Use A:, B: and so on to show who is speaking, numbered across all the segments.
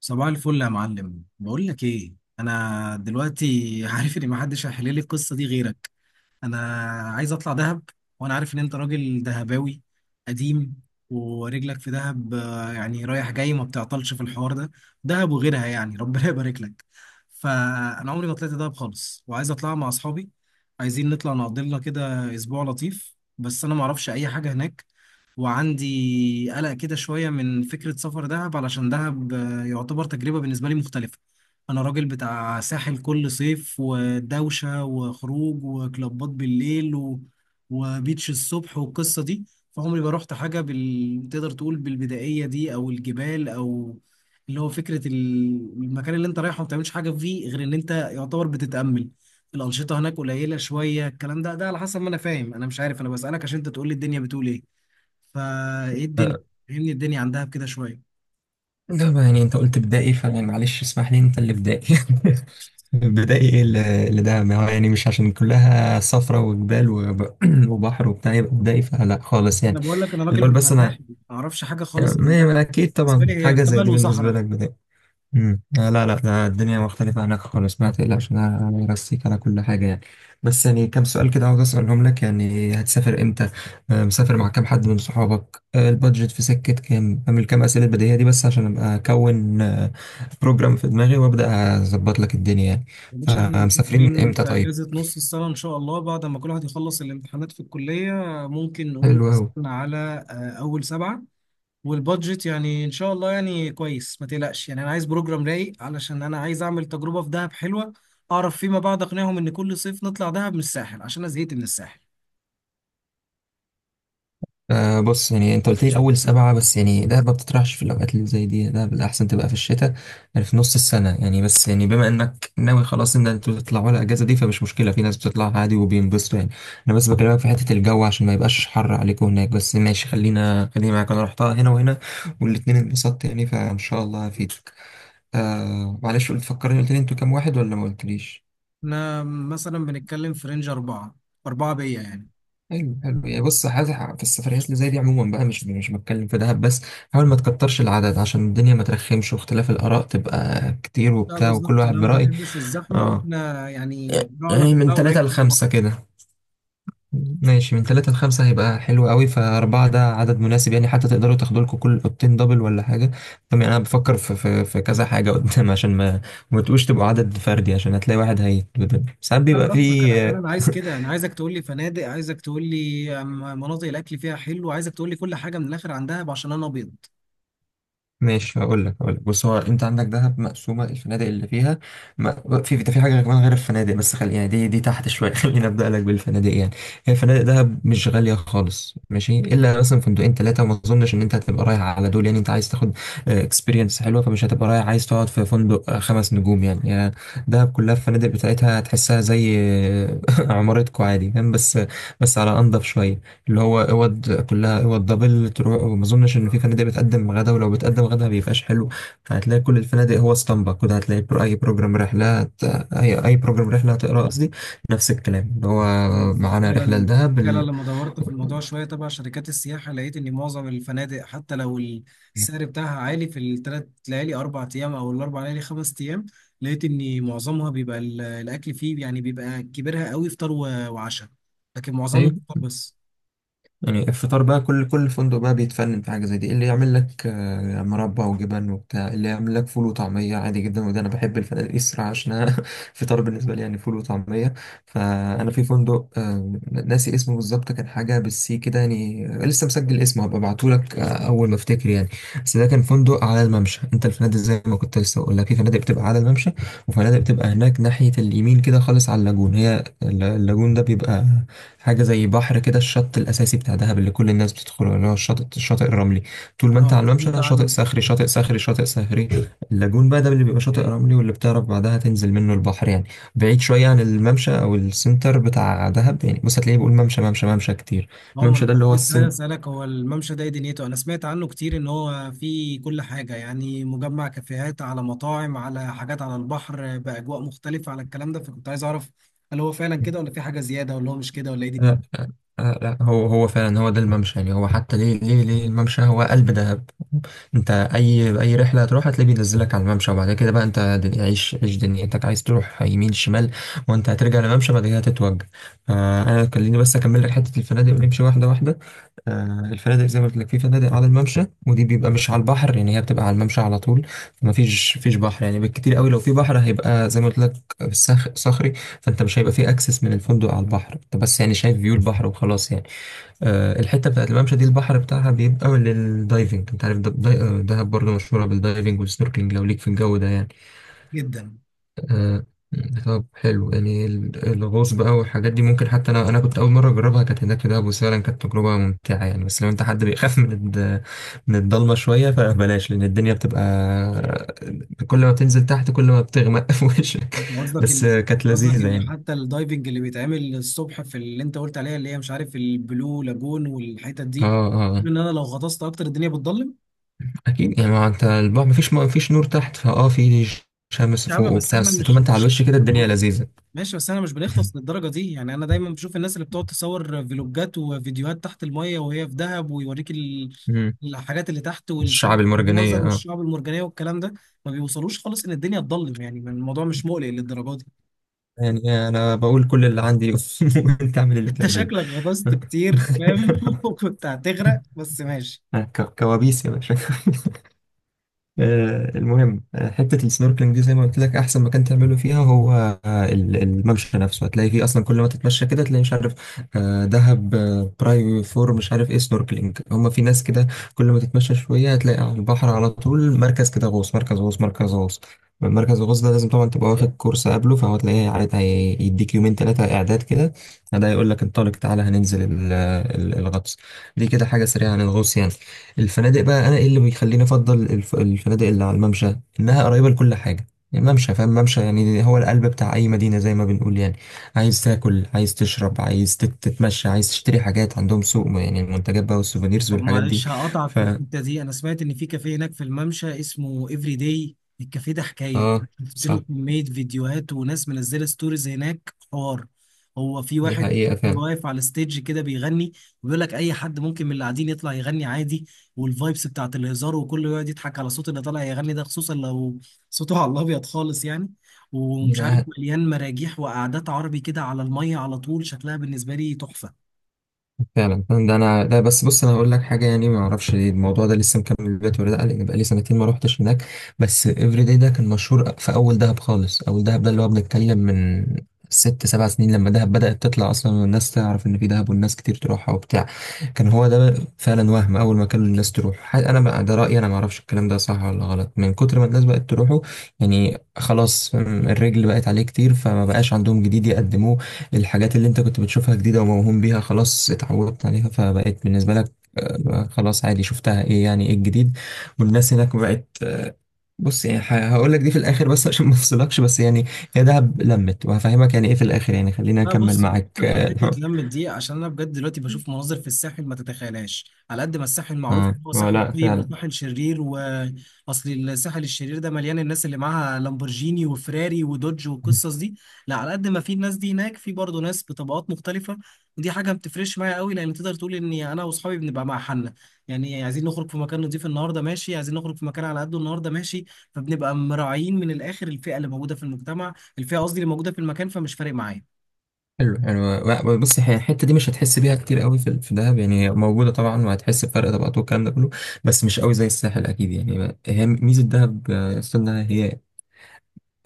A: صباح الفل يا معلم، بقول لك ايه. انا دلوقتي عارف ان محدش هيحل لي القصه دي غيرك. انا عايز اطلع دهب، وانا عارف ان انت راجل دهباوي قديم ورجلك في دهب، يعني رايح جاي، ما بتعطلش في الحوار ده. دهب وغيرها يعني ربنا يبارك لك. فانا عمري ما طلعت دهب خالص، وعايز اطلع مع اصحابي. عايزين نطلع نقضي لنا كده اسبوع لطيف، بس انا ما اعرفش اي حاجه هناك. وعندي قلق كده شوية من فكرة سفر دهب، علشان دهب يعتبر تجربة بالنسبة لي مختلفة. أنا راجل بتاع ساحل كل صيف ودوشة وخروج وكلابات بالليل وبيتش الصبح والقصة دي. فعمري ما رحت حاجة تقدر تقول بالبدائية دي أو الجبال أو اللي هو فكرة المكان اللي أنت رايحه ما بتعملش حاجة فيه غير إن أنت يعتبر بتتأمل. الأنشطة هناك قليلة شوية، الكلام ده على حسب ما أنا فاهم، أنا مش عارف، أنا بسألك عشان أنت تقول لي الدنيا بتقول إيه. فايه الدنيا؟
B: آه،
A: فهمني الدنيا عندها بكده شويه.
B: لا ما يعني انت قلت بدائي فيعني معلش اسمح لي انت اللي بدائي بدائي ايه اللي ده، ما هو يعني مش عشان كلها صفرة وجبال وبحر وبتاع يبقى بدائي، فلا خالص يعني.
A: انا بقول لك، انا راجل
B: الأول
A: بتاع
B: بس انا
A: ساحل، ما اعرفش حاجه
B: يعني
A: خالص عندها.
B: اكيد
A: بالنسبه لي
B: طبعا
A: هي
B: حاجة زي
A: جبل
B: دي بالنسبة
A: وصحراء.
B: لك بدائي. آه لا لا، ده الدنيا مختلفة هناك خالص، ما تقلقش، أنا برسيك على كل حاجة يعني. بس يعني كام سؤال كده عاوز أسألهم لك، يعني هتسافر إمتى؟ مسافر مع كام حد من صحابك؟ البادجت في سكة كام؟ أعمل كام أسئلة بديهية دي بس عشان أبقى أكون بروجرام في دماغي وأبدأ أظبط لك الدنيا يعني.
A: يا باشا، احنا
B: فمسافرين من
A: مسافرين
B: إمتى
A: في
B: طيب؟
A: اجازه نص السنه ان شاء الله، بعد ما كل واحد يخلص الامتحانات في الكليه. ممكن نقول
B: حلو أوي.
A: مثلا على اول 7. والبادجت يعني ان شاء الله يعني كويس، ما تقلقش. يعني انا عايز بروجرام رايق علشان انا عايز اعمل تجربه في دهب حلوه، اعرف فيما بعد اقنعهم ان كل صيف نطلع دهب من الساحل عشان انا زهقت من الساحل.
B: بص يعني انت قلت لي اول 7، بس يعني دهب ما بتطرحش في الاوقات اللي زي دي، دهب الاحسن تبقى في الشتاء يعني في نص السنه يعني، بس يعني بما انك ناوي خلاص ان انتوا تطلعوا على الاجازه دي فمش مشكله، في ناس بتطلع عادي وبينبسطوا يعني. انا بس بكلمك في حته الجو عشان ما يبقاش حر عليكم هناك، بس ماشي خلينا معاك، انا رحتها هنا وهنا والاتنين انبسطت يعني، فان شاء الله هفيدك. معلش قلت فكرني، قلت لي انتوا كام واحد ولا ما قلتليش؟
A: احنا مثلا بنتكلم في رينج 4، أربعة بيا يعني.
B: حلو حلو. يعني بص، حاجة في السفريات اللي زي دي عموما بقى، مش بتكلم في دهب بس، حاول ما تكترش العدد عشان الدنيا ما ترخمش، واختلاف الآراء تبقى كتير
A: لا
B: وبتاع وكل
A: بالظبط،
B: واحد
A: أنا ما
B: برأي.
A: بحبش الزحمة،
B: اه.
A: وإحنا يعني جوعنا
B: يعني من
A: كلها
B: ثلاثة
A: قريبة من بعض.
B: لخمسة كده، ماشي، من ثلاثة لخمسة هيبقى حلو قوي، فأربعة ده عدد مناسب يعني، حتى تقدروا تاخدوا لكم كل أوضتين دبل ولا حاجة. طب يعني أنا بفكر في كذا حاجة قدام عشان ما ما تبقوش تبقوا عدد فردي عشان هتلاقي واحد هيتبدل، ساعات
A: لا
B: بيبقى
A: براحتك، أنا
B: فيه.
A: فعلا عايز كده. أنا عايزك تقول لي فنادق، عايزك تقول لي مناطق الأكل فيها حلو، عايزك تقول لي كل حاجة من الآخر عندها عشان أنا أبيض.
B: ماشي هقول لك بص، هو انت عندك دهب مقسومه، الفنادق اللي فيها ما في ده، في حاجه كمان غير الفنادق، بس خلي يعني دي تحت شويه خلينا ابدا لك بالفنادق يعني. هي فنادق دهب مش غاليه خالص ماشي، الا مثلا فندقين 3، وما اظنش ان انت هتبقى رايح على دول يعني، انت عايز تاخد اكسبيرينس حلوه، فمش هتبقى رايح عايز تقعد في فندق 5 نجوم يعني دهب كلها الفنادق بتاعتها هتحسها زي عمارتكو عادي فاهم، بس بس على انضف شويه، اللي هو اوض كلها اوض دبل تروح. وما اظنش ان في فنادق بتقدم غدا، ولو بتقدم غدا ما بيبقاش حلو، فهتلاقي كل الفنادق هو اسطمبة كده. هتلاقي بروجرام رحلة اي بروجرام رحلة هتقرا قصدي، نفس الكلام اللي هو معانا رحلة
A: فعلا
B: لدهب
A: فعلا
B: ال...
A: لما دورت في الموضوع شويه تبع شركات السياحه، لقيت ان معظم الفنادق حتى لو السعر بتاعها عالي في ال3 ليالي 4 ايام او ال4 ليالي 5 ايام، لقيت ان معظمها بيبقى الاكل فيه، يعني بيبقى كبيرها قوي، فطار وعشاء، لكن معظمهم
B: أيوه.
A: فطار بس.
B: يعني الفطار بقى، كل فندق بقى بيتفنن في حاجة زي دي، اللي يعمل لك مربى وجبن وبتاع، اللي يعمل لك فول وطعمية عادي جدا، وده أنا بحب الفنادق دي الصراحة عشان أنا فطار بالنسبة لي يعني فول وطعمية. فأنا في فندق ناسي اسمه بالظبط، كان حاجة بالسي كده يعني، لسه مسجل اسمه هبقى أبعتهولك أول ما أفتكر يعني. بس ده كان فندق على الممشى. أنت الفنادق زي ما كنت لسه بقول لك، في فنادق بتبقى على الممشى، وفنادق بتبقى هناك ناحية اليمين كده خالص على اللاجون. هي اللاجون ده بيبقى حاجة زي بحر كده، الشط الأساسي بتاع دهب اللي كل الناس بتدخله، اللي هو الشاطئ الرملي. طول ما أنت
A: اه انا
B: على
A: سمعت
B: الممشى، شاطئ
A: عنه.
B: صخري شاطئ صخري شاطئ صخري. اللاجون بقى ده اللي بيبقى شاطئ رملي، واللي بتعرف بعدها تنزل منه البحر يعني. بعيد شوية عن الممشى أو السنتر بتاع دهب. يعني بص هتلاقيه بيقول ممشى ممشى كتير.
A: عمر، انا
B: الممشى ده اللي
A: كنت
B: هو
A: لسه عايز
B: السنتر.
A: اسالك، هو الممشى ده إيه دنيته؟ انا سمعت عنه كتير ان هو فيه كل حاجه، يعني مجمع كافيهات على مطاعم على حاجات على البحر باجواء مختلفه، على الكلام ده، فكنت عايز اعرف هل هو فعلا كده ولا في حاجه زياده، ولا هو مش كده، ولا ايه
B: لا
A: دنيته.
B: لا، هو فعلا هو ده الممشى يعني، هو حتى ليه ليه الممشى؟ هو قلب دهب، انت اي رحله هتروح هتلاقيه بينزلك على الممشى، وبعد كده بقى انت عيش دنيتك، عايز تروح يمين شمال، وانت هترجع للممشى بعد كده هتتوجه. آه انا خليني بس اكمل لك حته الفنادق ونمشي واحده واحده. الفنادق زي ما قلت لك، في فنادق على الممشى ودي بيبقى مش على البحر، يعني هي بتبقى على الممشى على طول، فما فيش بحر يعني. بالكتير قوي لو في بحر هيبقى زي ما قلت لك صخري، فانت مش هيبقى في اكسس من الفندق على البحر، انت بس يعني شايف فيو البحر وخلاص يعني. الحته بتاعت الممشى دي البحر بتاعها بيبقى للدايفنج. انت عارف دهب برضه مشهوره بالدايفنج والسنوركلينج لو ليك في الجو ده يعني.
A: جدا.
B: آه، طب حلو يعني، الغوص بقى والحاجات دي ممكن، حتى انا كنت اول مره اجربها كانت هناك في دهب، وفعلا كانت تجربه ممتعه يعني، بس لو انت حد بيخاف من الضلمه شويه فبلاش، لان الدنيا بتبقى كل ما بتنزل تحت كل ما بتغمق في وشك.
A: انت قصدك
B: بس
A: ان
B: كانت
A: انت قصدك
B: لذيذه
A: ان
B: يعني.
A: حتى الدايفنج اللي بيتعمل الصبح في اللي انت قلت عليها، اللي هي مش عارف البلو لاجون والحتت
B: اه.
A: دي،
B: اه
A: ان انا لو غطست اكتر الدنيا بتضلم؟
B: اكيد يعني، ما انت البحر مفيش نور تحت، فاه في شمس
A: يا عم
B: فوق
A: بس
B: وبتاع،
A: احنا
B: بس طول ما
A: مش
B: انت على
A: مش
B: الوش كده الدنيا لذيذه.
A: ماشي، بس انا مش بنغطس للدرجه دي يعني. انا دايما بشوف الناس اللي بتقعد تصور فيلوجات وفيديوهات تحت الميه وهي في دهب، ويوريك
B: مم.
A: الحاجات اللي تحت والسمك
B: الشعب المرجانيه
A: والمنظر
B: اه.
A: والشعاب المرجانيه والكلام ده، ما بيوصلوش خالص ان الدنيا تضلم، يعني الموضوع مش مقلق للدرجه دي.
B: يعني انا بقول كل اللي عندي وانت اعمل اللي
A: انت
B: تعمله
A: شكلك غطست كتير فاهم وكنت هتغرق، بس ماشي.
B: أنا كوابيس يا باشا. المهم، حتة السنوركلينج دي زي ما قلت لك، أحسن مكان تعمله فيها هو الممشى نفسه، هتلاقي فيه أصلا كل ما تتمشى كده تلاقي مش عارف دهب براي فور مش عارف إيه سنوركلينج، هما في ناس كده كل ما تتمشى شوية هتلاقي على البحر على طول مركز كده، غوص مركز غوص. مركز الغوص ده لازم طبعا تبقى واخد كورس قبله، فهو تلاقيه عارف يديك يومين 3 إعداد كده، ده يقول لك انطلق تعالى هننزل الغطس. دي كده حاجة سريعة عن الغوص يعني. الفنادق بقى، انا ايه اللي بيخليني افضل الفنادق اللي على الممشى؟ انها قريبه لكل حاجه يعني. الممشى، فاهم الممشى يعني هو القلب بتاع اي مدينه زي ما بنقول يعني. عايز تاكل، عايز تشرب، عايز تتمشى، عايز تشتري حاجات عندهم سوق يعني، المنتجات بقى والسوفينيرز
A: طب
B: والحاجات دي.
A: معلش هقطعك
B: ف
A: في الحتة دي. أنا سمعت إن في كافيه هناك في الممشى اسمه إفري داي. الكافيه ده حكاية،
B: اه
A: شفت له
B: صح،
A: كمية فيديوهات وناس منزلة ستوريز هناك حوار. هو في
B: دي
A: واحد بيبقى
B: حقيقه.
A: واقف على الستيج كده بيغني، وبيقول لك أي حد ممكن من اللي قاعدين يطلع يغني عادي، والفايبس بتاعت الهزار وكله يقعد يضحك على صوت اللي طالع يغني ده، خصوصا لو صوته على الأبيض خالص يعني. ومش عارف
B: فعلا
A: مليان مراجيح وقعدات عربي كده على المية على طول، شكلها بالنسبة لي تحفة.
B: فعلا، ده انا ده بس بص انا هقول لك حاجه يعني، ما اعرفش ليه الموضوع ده لسه مكمل دلوقتي ولا لا، لان بقالي سنتين ما روحتش هناك، بس افري داي ده كان مشهور في اول دهب خالص. اول دهب ده اللي هو بنتكلم من 6 7 سنين، لما دهب بدأت تطلع اصلا والناس تعرف ان في دهب والناس كتير تروحها وبتاع. كان هو ده فعلا، وهم اول ما كان الناس تروح انا بقى ده رايي انا ما اعرفش الكلام ده صح ولا غلط، من كتر ما الناس بقت تروحه يعني خلاص فاهم، الرجل بقت عليه كتير فما بقاش عندهم جديد يقدموه، الحاجات اللي انت كنت بتشوفها جديدة وموهوم بيها خلاص اتعودت عليها، فبقيت بالنسبة لك خلاص عادي شفتها، ايه يعني ايه الجديد؟ والناس هناك بقت، بص يعني هقول لك دي في الاخر بس عشان ما افصلكش، بس يعني هي دهب لمت، وهفهمك يعني ايه في الاخر يعني، خلينا
A: لا
B: اكمل
A: بص،
B: معاك
A: فكك من حته
B: اه
A: لم دي عشان انا بجد دلوقتي بشوف مناظر في الساحل ما تتخيلهاش، على قد ما الساحل معروف ان هو ساحل
B: لا
A: طيب
B: فعلا.
A: وساحل شرير، واصل الساحل الشرير ده مليان الناس اللي معاها لامبورجيني وفراري ودوج والقصص دي. لا على قد ما في الناس دي هناك، في برضه ناس بطبقات مختلفه، ودي حاجه ما بتفرقش معايا قوي، لان تقدر تقول اني انا واصحابي بنبقى مع حالنا. يعني عايزين نخرج في مكان نضيف النهارده ماشي، عايزين نخرج في مكان على قده النهارده ماشي. فبنبقى مراعيين من الاخر الفئه اللي موجوده في المجتمع، الفئه قصدي اللي موجوده في المكان، فمش فارق معايا.
B: حلو حلو بص، هي الحته دي مش هتحس بيها كتير قوي في في دهب يعني، هي موجوده طبعا، وهتحس بفرق طبقات والكلام ده كله، بس مش قوي زي الساحل اكيد يعني. هي ميزه دهب، استنى، هي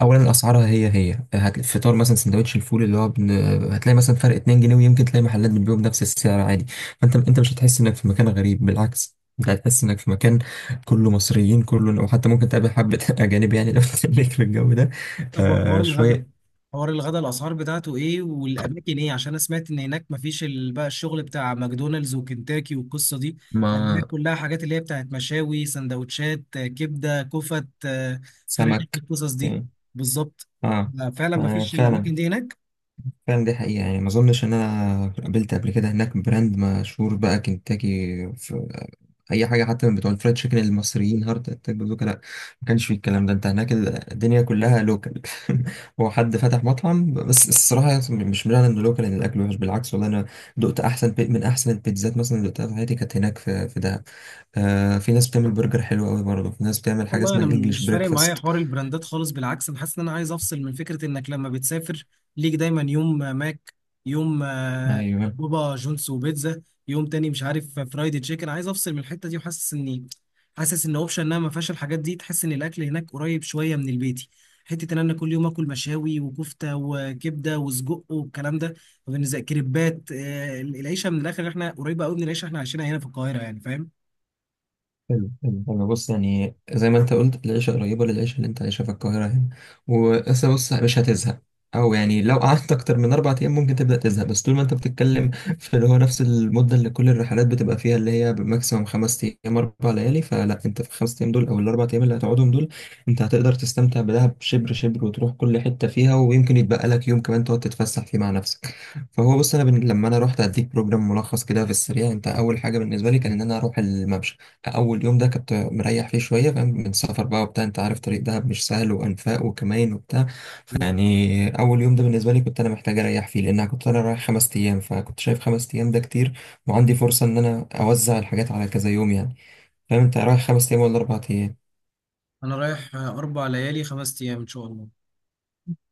B: اولا اسعارها، هي هتلاقي فطار مثلا سندوتش الفول اللي هو هتلاقي مثلا فرق 2 جنيه، ويمكن تلاقي محلات بتبيعه بنفس السعر عادي. فانت مش هتحس انك في مكان غريب، بالعكس انت هتحس انك في مكان كله مصريين كله، وحتى ممكن تقابل حبة اجانب يعني لو تخليك في الجو ده.
A: طب وحوار
B: آه
A: الغدا،
B: شوية.
A: حوار الغدا الاسعار بتاعته ايه والاماكن ايه؟ عشان انا سمعت ان هناك مفيش بقى الشغل بتاع ماكدونالدز وكنتاكي والقصه دي، لان هناك
B: ما
A: كلها حاجات اللي هي بتاعت مشاوي، سندوتشات كبده كفت فراخ،
B: سمك
A: القصص دي. بالظبط.
B: اه.
A: فعلا مفيش
B: فعلا
A: الاماكن دي هناك.
B: فعلا دي حقيقة، يعني ما أظنش إن أنا قابلت قبل كده هناك براند مشهور بقى، كنتاكي، في أي حاجة حتى من بتوع الفرايد تشيكن المصريين، هارت أتاك بازوكا، لأ ما كانش فيه الكلام ده. أنت هناك الدنيا كلها لوكال هو حد فتح مطعم، بس الصراحة مش معنى إنه لوكال إن الأكل وحش، بالعكس، والله أنا دقت أحسن من أحسن البيتزات مثلا اللي دقتها في حياتي كانت هناك في في دهب. آه في ناس بتعمل برجر حلو أوي برضه، في ناس بتعمل حاجة
A: والله انا
B: اسمها الإنجليش
A: مش فارق معايا
B: بريكفاست.
A: حوار البراندات خالص، بالعكس انا حاسس ان انا عايز افصل من فكره انك لما بتسافر ليك دايما يوم ماك، يوم
B: أيوه.
A: بابا جونز وبيتزا، يوم تاني مش عارف فرايدي تشيكن. عايز افصل من الحته دي، وحاسس اني حاسس ان اوبشن انها ما فيهاش الحاجات دي، تحس ان الاكل هناك قريب شويه من البيتي، حته ان انا كل يوم اكل مشاوي وكفته وكبده وسجق والكلام ده. وبالنسبه كريبات العيشه من الاخر احنا قريبه قوي من العيشه احنا عايشينها هنا في القاهره يعني فاهم.
B: حلو حلو، انا بص يعني زي ما انت قلت العيشه قريبه للعيشه اللي انت عايشها في القاهره هنا، وأصل بص مش هتزهق، او يعني لو قعدت اكتر من 4 ايام ممكن تبدا تزهق، بس طول ما انت بتتكلم في اللي هو نفس المده اللي كل الرحلات بتبقى فيها، اللي هي بماكسيموم 5 ايام 4 ليالي، فلا انت في ال5 ايام دول او ال4 ايام اللي هتقعدهم دول انت هتقدر تستمتع بدهب شبر شبر، وتروح كل حته فيها، ويمكن يتبقى لك يوم كمان تقعد تتفسح فيه مع نفسك. فهو بص انا لما انا رحت اديك بروجرام ملخص كده في السريع، انت اول حاجه بالنسبه لي كان ان انا اروح الممشى. اول يوم ده كنت مريح فيه شويه فاهم، من السفر بقى وبتاع، انت عارف طريق دهب مش سهل، وانفاق وكمين وبتاع، فيعني اول يوم ده بالنسبه لي كنت انا محتاج اريح فيه، لان انا كنت انا رايح 5 ايام، فكنت شايف 5 ايام ده كتير، وعندي فرصه ان انا اوزع الحاجات على كذا يوم يعني. فاهم انت رايح 5 ايام ولا 4 ايام؟
A: انا رايح 4 ليالي 5 ايام ان شاء الله.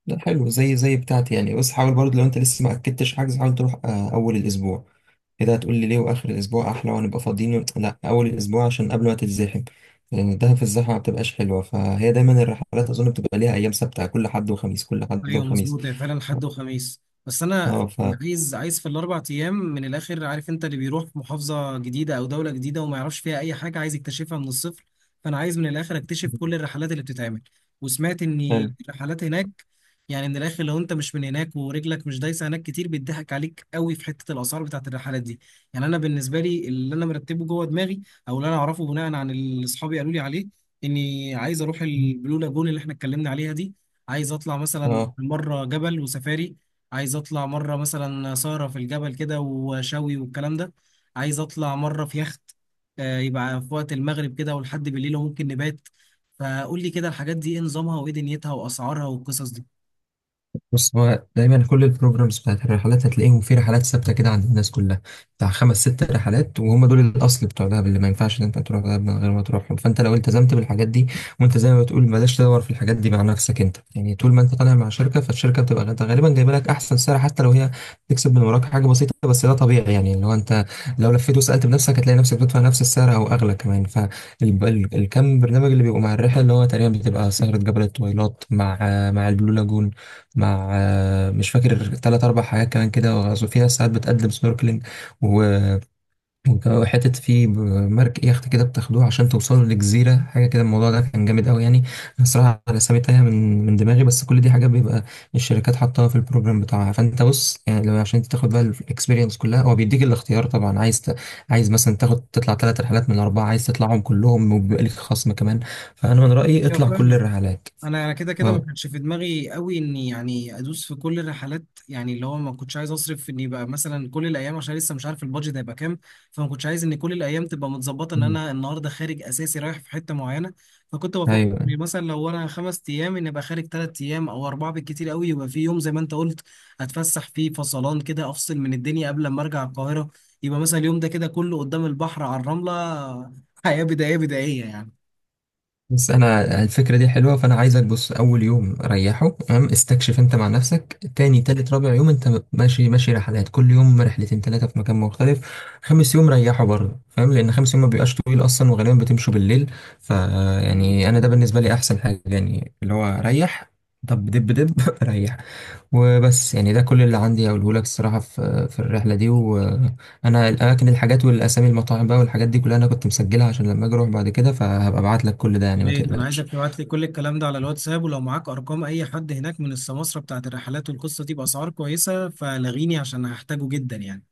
B: ده حلو زي بتاعتي يعني. بس حاول برضه لو انت لسه ما اكدتش حجز، حاول تروح اول الاسبوع. كده هتقول لي ليه واخر الاسبوع احلى ونبقى فاضيين؟ لا، اول الاسبوع عشان قبل ما تتزحم، لان ده في الزحمه ما بتبقاش حلوه. فهي دايما الرحلات اظن بتبقى ليها ايام ثابته، كل حد وخميس كل حد
A: ايوه
B: وخميس
A: مظبوط، هي فعلا حد وخميس، بس انا
B: اه ف
A: عايز في ال4 ايام من الاخر، عارف انت اللي بيروح في محافظه جديده او دوله جديده وما يعرفش فيها اي حاجه، عايز يكتشفها من الصفر، فانا عايز من الاخر اكتشف كل الرحلات اللي بتتعمل. وسمعت
B: حلو.
A: ان الرحلات هناك، يعني من الاخر لو انت مش من هناك ورجلك مش دايسه هناك كتير، بيضحك عليك قوي في حته الاسعار بتاعت الرحلات دي. يعني انا بالنسبه لي اللي انا مرتبه جوه دماغي، او اللي انا اعرفه بناء عن اللي اصحابي قالوا لي عليه، اني عايز اروح البلو لاجون اللي احنا اتكلمنا عليها دي، عايز اطلع مثلا
B: اه
A: مره جبل وسفاري، عايز اطلع مره مثلا سهره في الجبل كده وشوي والكلام ده، عايز اطلع مره في يخت، يبقى في وقت المغرب كده ولحد بالليل وممكن نبات. فقول لي كده الحاجات دي ايه نظامها وايه دنيتها واسعارها والقصص
B: بص، هو دايما كل البروجرامز بتاعت الرحلات هتلاقيهم في رحلات ثابته كده عند الناس كلها، بتاع 5 6 رحلات، وهم دول الاصل بتوع دهب اللي ما ينفعش ان انت تروح دهب من غير ما تروحهم. فانت لو التزمت بالحاجات دي، وانت زي ما بتقول بلاش تدور في الحاجات دي مع نفسك انت يعني، طول ما انت طالع مع شركه فالشركه بتبقى غالبا جايبه لك احسن سعر، حتى لو هي تكسب من وراك حاجه بسيطه بس ده طبيعي يعني. اللي هو انت لو لفيت وسالت بنفسك هتلاقي نفسك بتدفع نفس السعر او اغلى كمان. فالكم برنامج اللي بيبقوا مع الرحله، اللي هو تقريبا بتبقى سهره جبل الطويلات، مع مع البلو لاجون، مع مش فاكر 3 4 حاجات كمان كده، وغزو فيها ساعات بتقدم سنوركلينج، و- وحتة في مركب يخت كده بتاخدوه عشان توصلوا لجزيرة حاجة كده، الموضوع ده كان جامد أوي يعني. أنا صراحة الأسامي تايهة من دماغي، بس كل دي حاجات بيبقى الشركات حاطاها في البروجرام بتاعها. فأنت بص يعني لو عشان تاخد بقى الإكسبيرينس كلها، هو بيديك الاختيار طبعا، عايز عايز مثلا تاخد تطلع 3 رحلات من ال4، عايز تطلعهم كلهم وبيبقى ليك خصم كمان، فأنا من رأيي
A: دي.
B: اطلع كل الرحلات.
A: انا كده كده ما
B: اه.
A: كانش في دماغي قوي اني يعني ادوس في كل الرحلات، يعني اللي هو ما كنتش عايز اصرف في اني بقى مثلا كل الايام عشان لسه مش عارف البادجت هيبقى كام. فما كنتش عايز ان كل الايام تبقى متظبطه ان
B: أمم.
A: انا النهارده خارج اساسي رايح في حته معينه. فكنت بفكر إني
B: أيوه.
A: مثلا لو انا 5 ايام ان ابقى خارج 3 ايام او 4 بالكتير قوي، يبقى في يوم زي ما انت قلت اتفسح فيه فصلان كده، افصل من الدنيا قبل ما ارجع القاهره. يبقى مثلا اليوم ده كده كله قدام البحر على الرمله، حياه بدائيه بدائيه يعني.
B: بس انا الفكره دي حلوه، فانا عايزك بص اول يوم ريحه تمام استكشف انت مع نفسك، تاني تالت رابع يوم انت ماشي رحلات، كل يوم رحلتين تلاته في مكان مختلف، خامس يوم ريحه برضه فاهم، لان خامس يوم ما بيبقاش طويل اصلا وغالبا بتمشوا بالليل. ف يعني انا ده بالنسبه لي احسن حاجه، يعني اللي هو ريح، دب ريح. وبس يعني ده كل اللي عندي اقوله لك الصراحه في في الرحله دي و... انا الاماكن الحاجات والاسامي المطاعم بقى والحاجات دي كلها انا كنت مسجلها عشان لما اجي اروح بعد كده، فهبقى ابعت لك كل ده
A: يا
B: يعني ما
A: ريت انا
B: تقلقش.
A: عايزك تبعت لي كل الكلام ده على الواتساب، ولو معاك ارقام اي حد هناك من السماسرة بتاعت الرحلات والقصة دي باسعار كويسة فلغيني، عشان هحتاجه جدا يعني.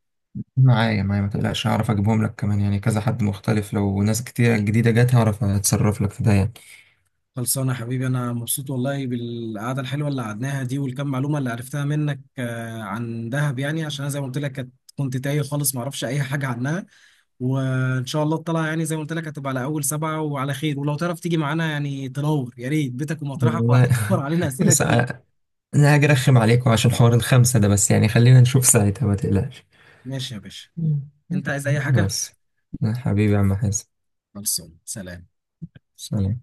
B: معايا ما تقلقش، هعرف اجيبهم لك، كمان يعني كذا حد مختلف، لو ناس كتير جديده جت هعرف اتصرف لك في ده يعني.
A: خلصانه يا حبيبي، انا مبسوط والله بالقعدة الحلوة اللي قعدناها دي والكم معلومة اللي عرفتها منك عن دهب، يعني عشان انا زي ما قلت لك كنت تايه خالص، ما اعرفش اي حاجة عنها. وان شاء الله الطلعة يعني زي ما قلت لك هتبقى على اول 7 وعلى خير، ولو تعرف تيجي معانا يعني تنور يا ريت بيتك ومطرحك،
B: والله
A: وهتوفر علينا اسئلة
B: بس
A: كتير.
B: انا هاجي ارخم عليكم عشان حوار الخمسه ده، بس يعني خلينا نشوف ساعتها ما تقلقش.
A: ماشي يا باشا.
B: مم.
A: انت عايز اي حاجة؟
B: بس. حبيبي يا عم حازم.
A: خلصانه، سلام.
B: سلام.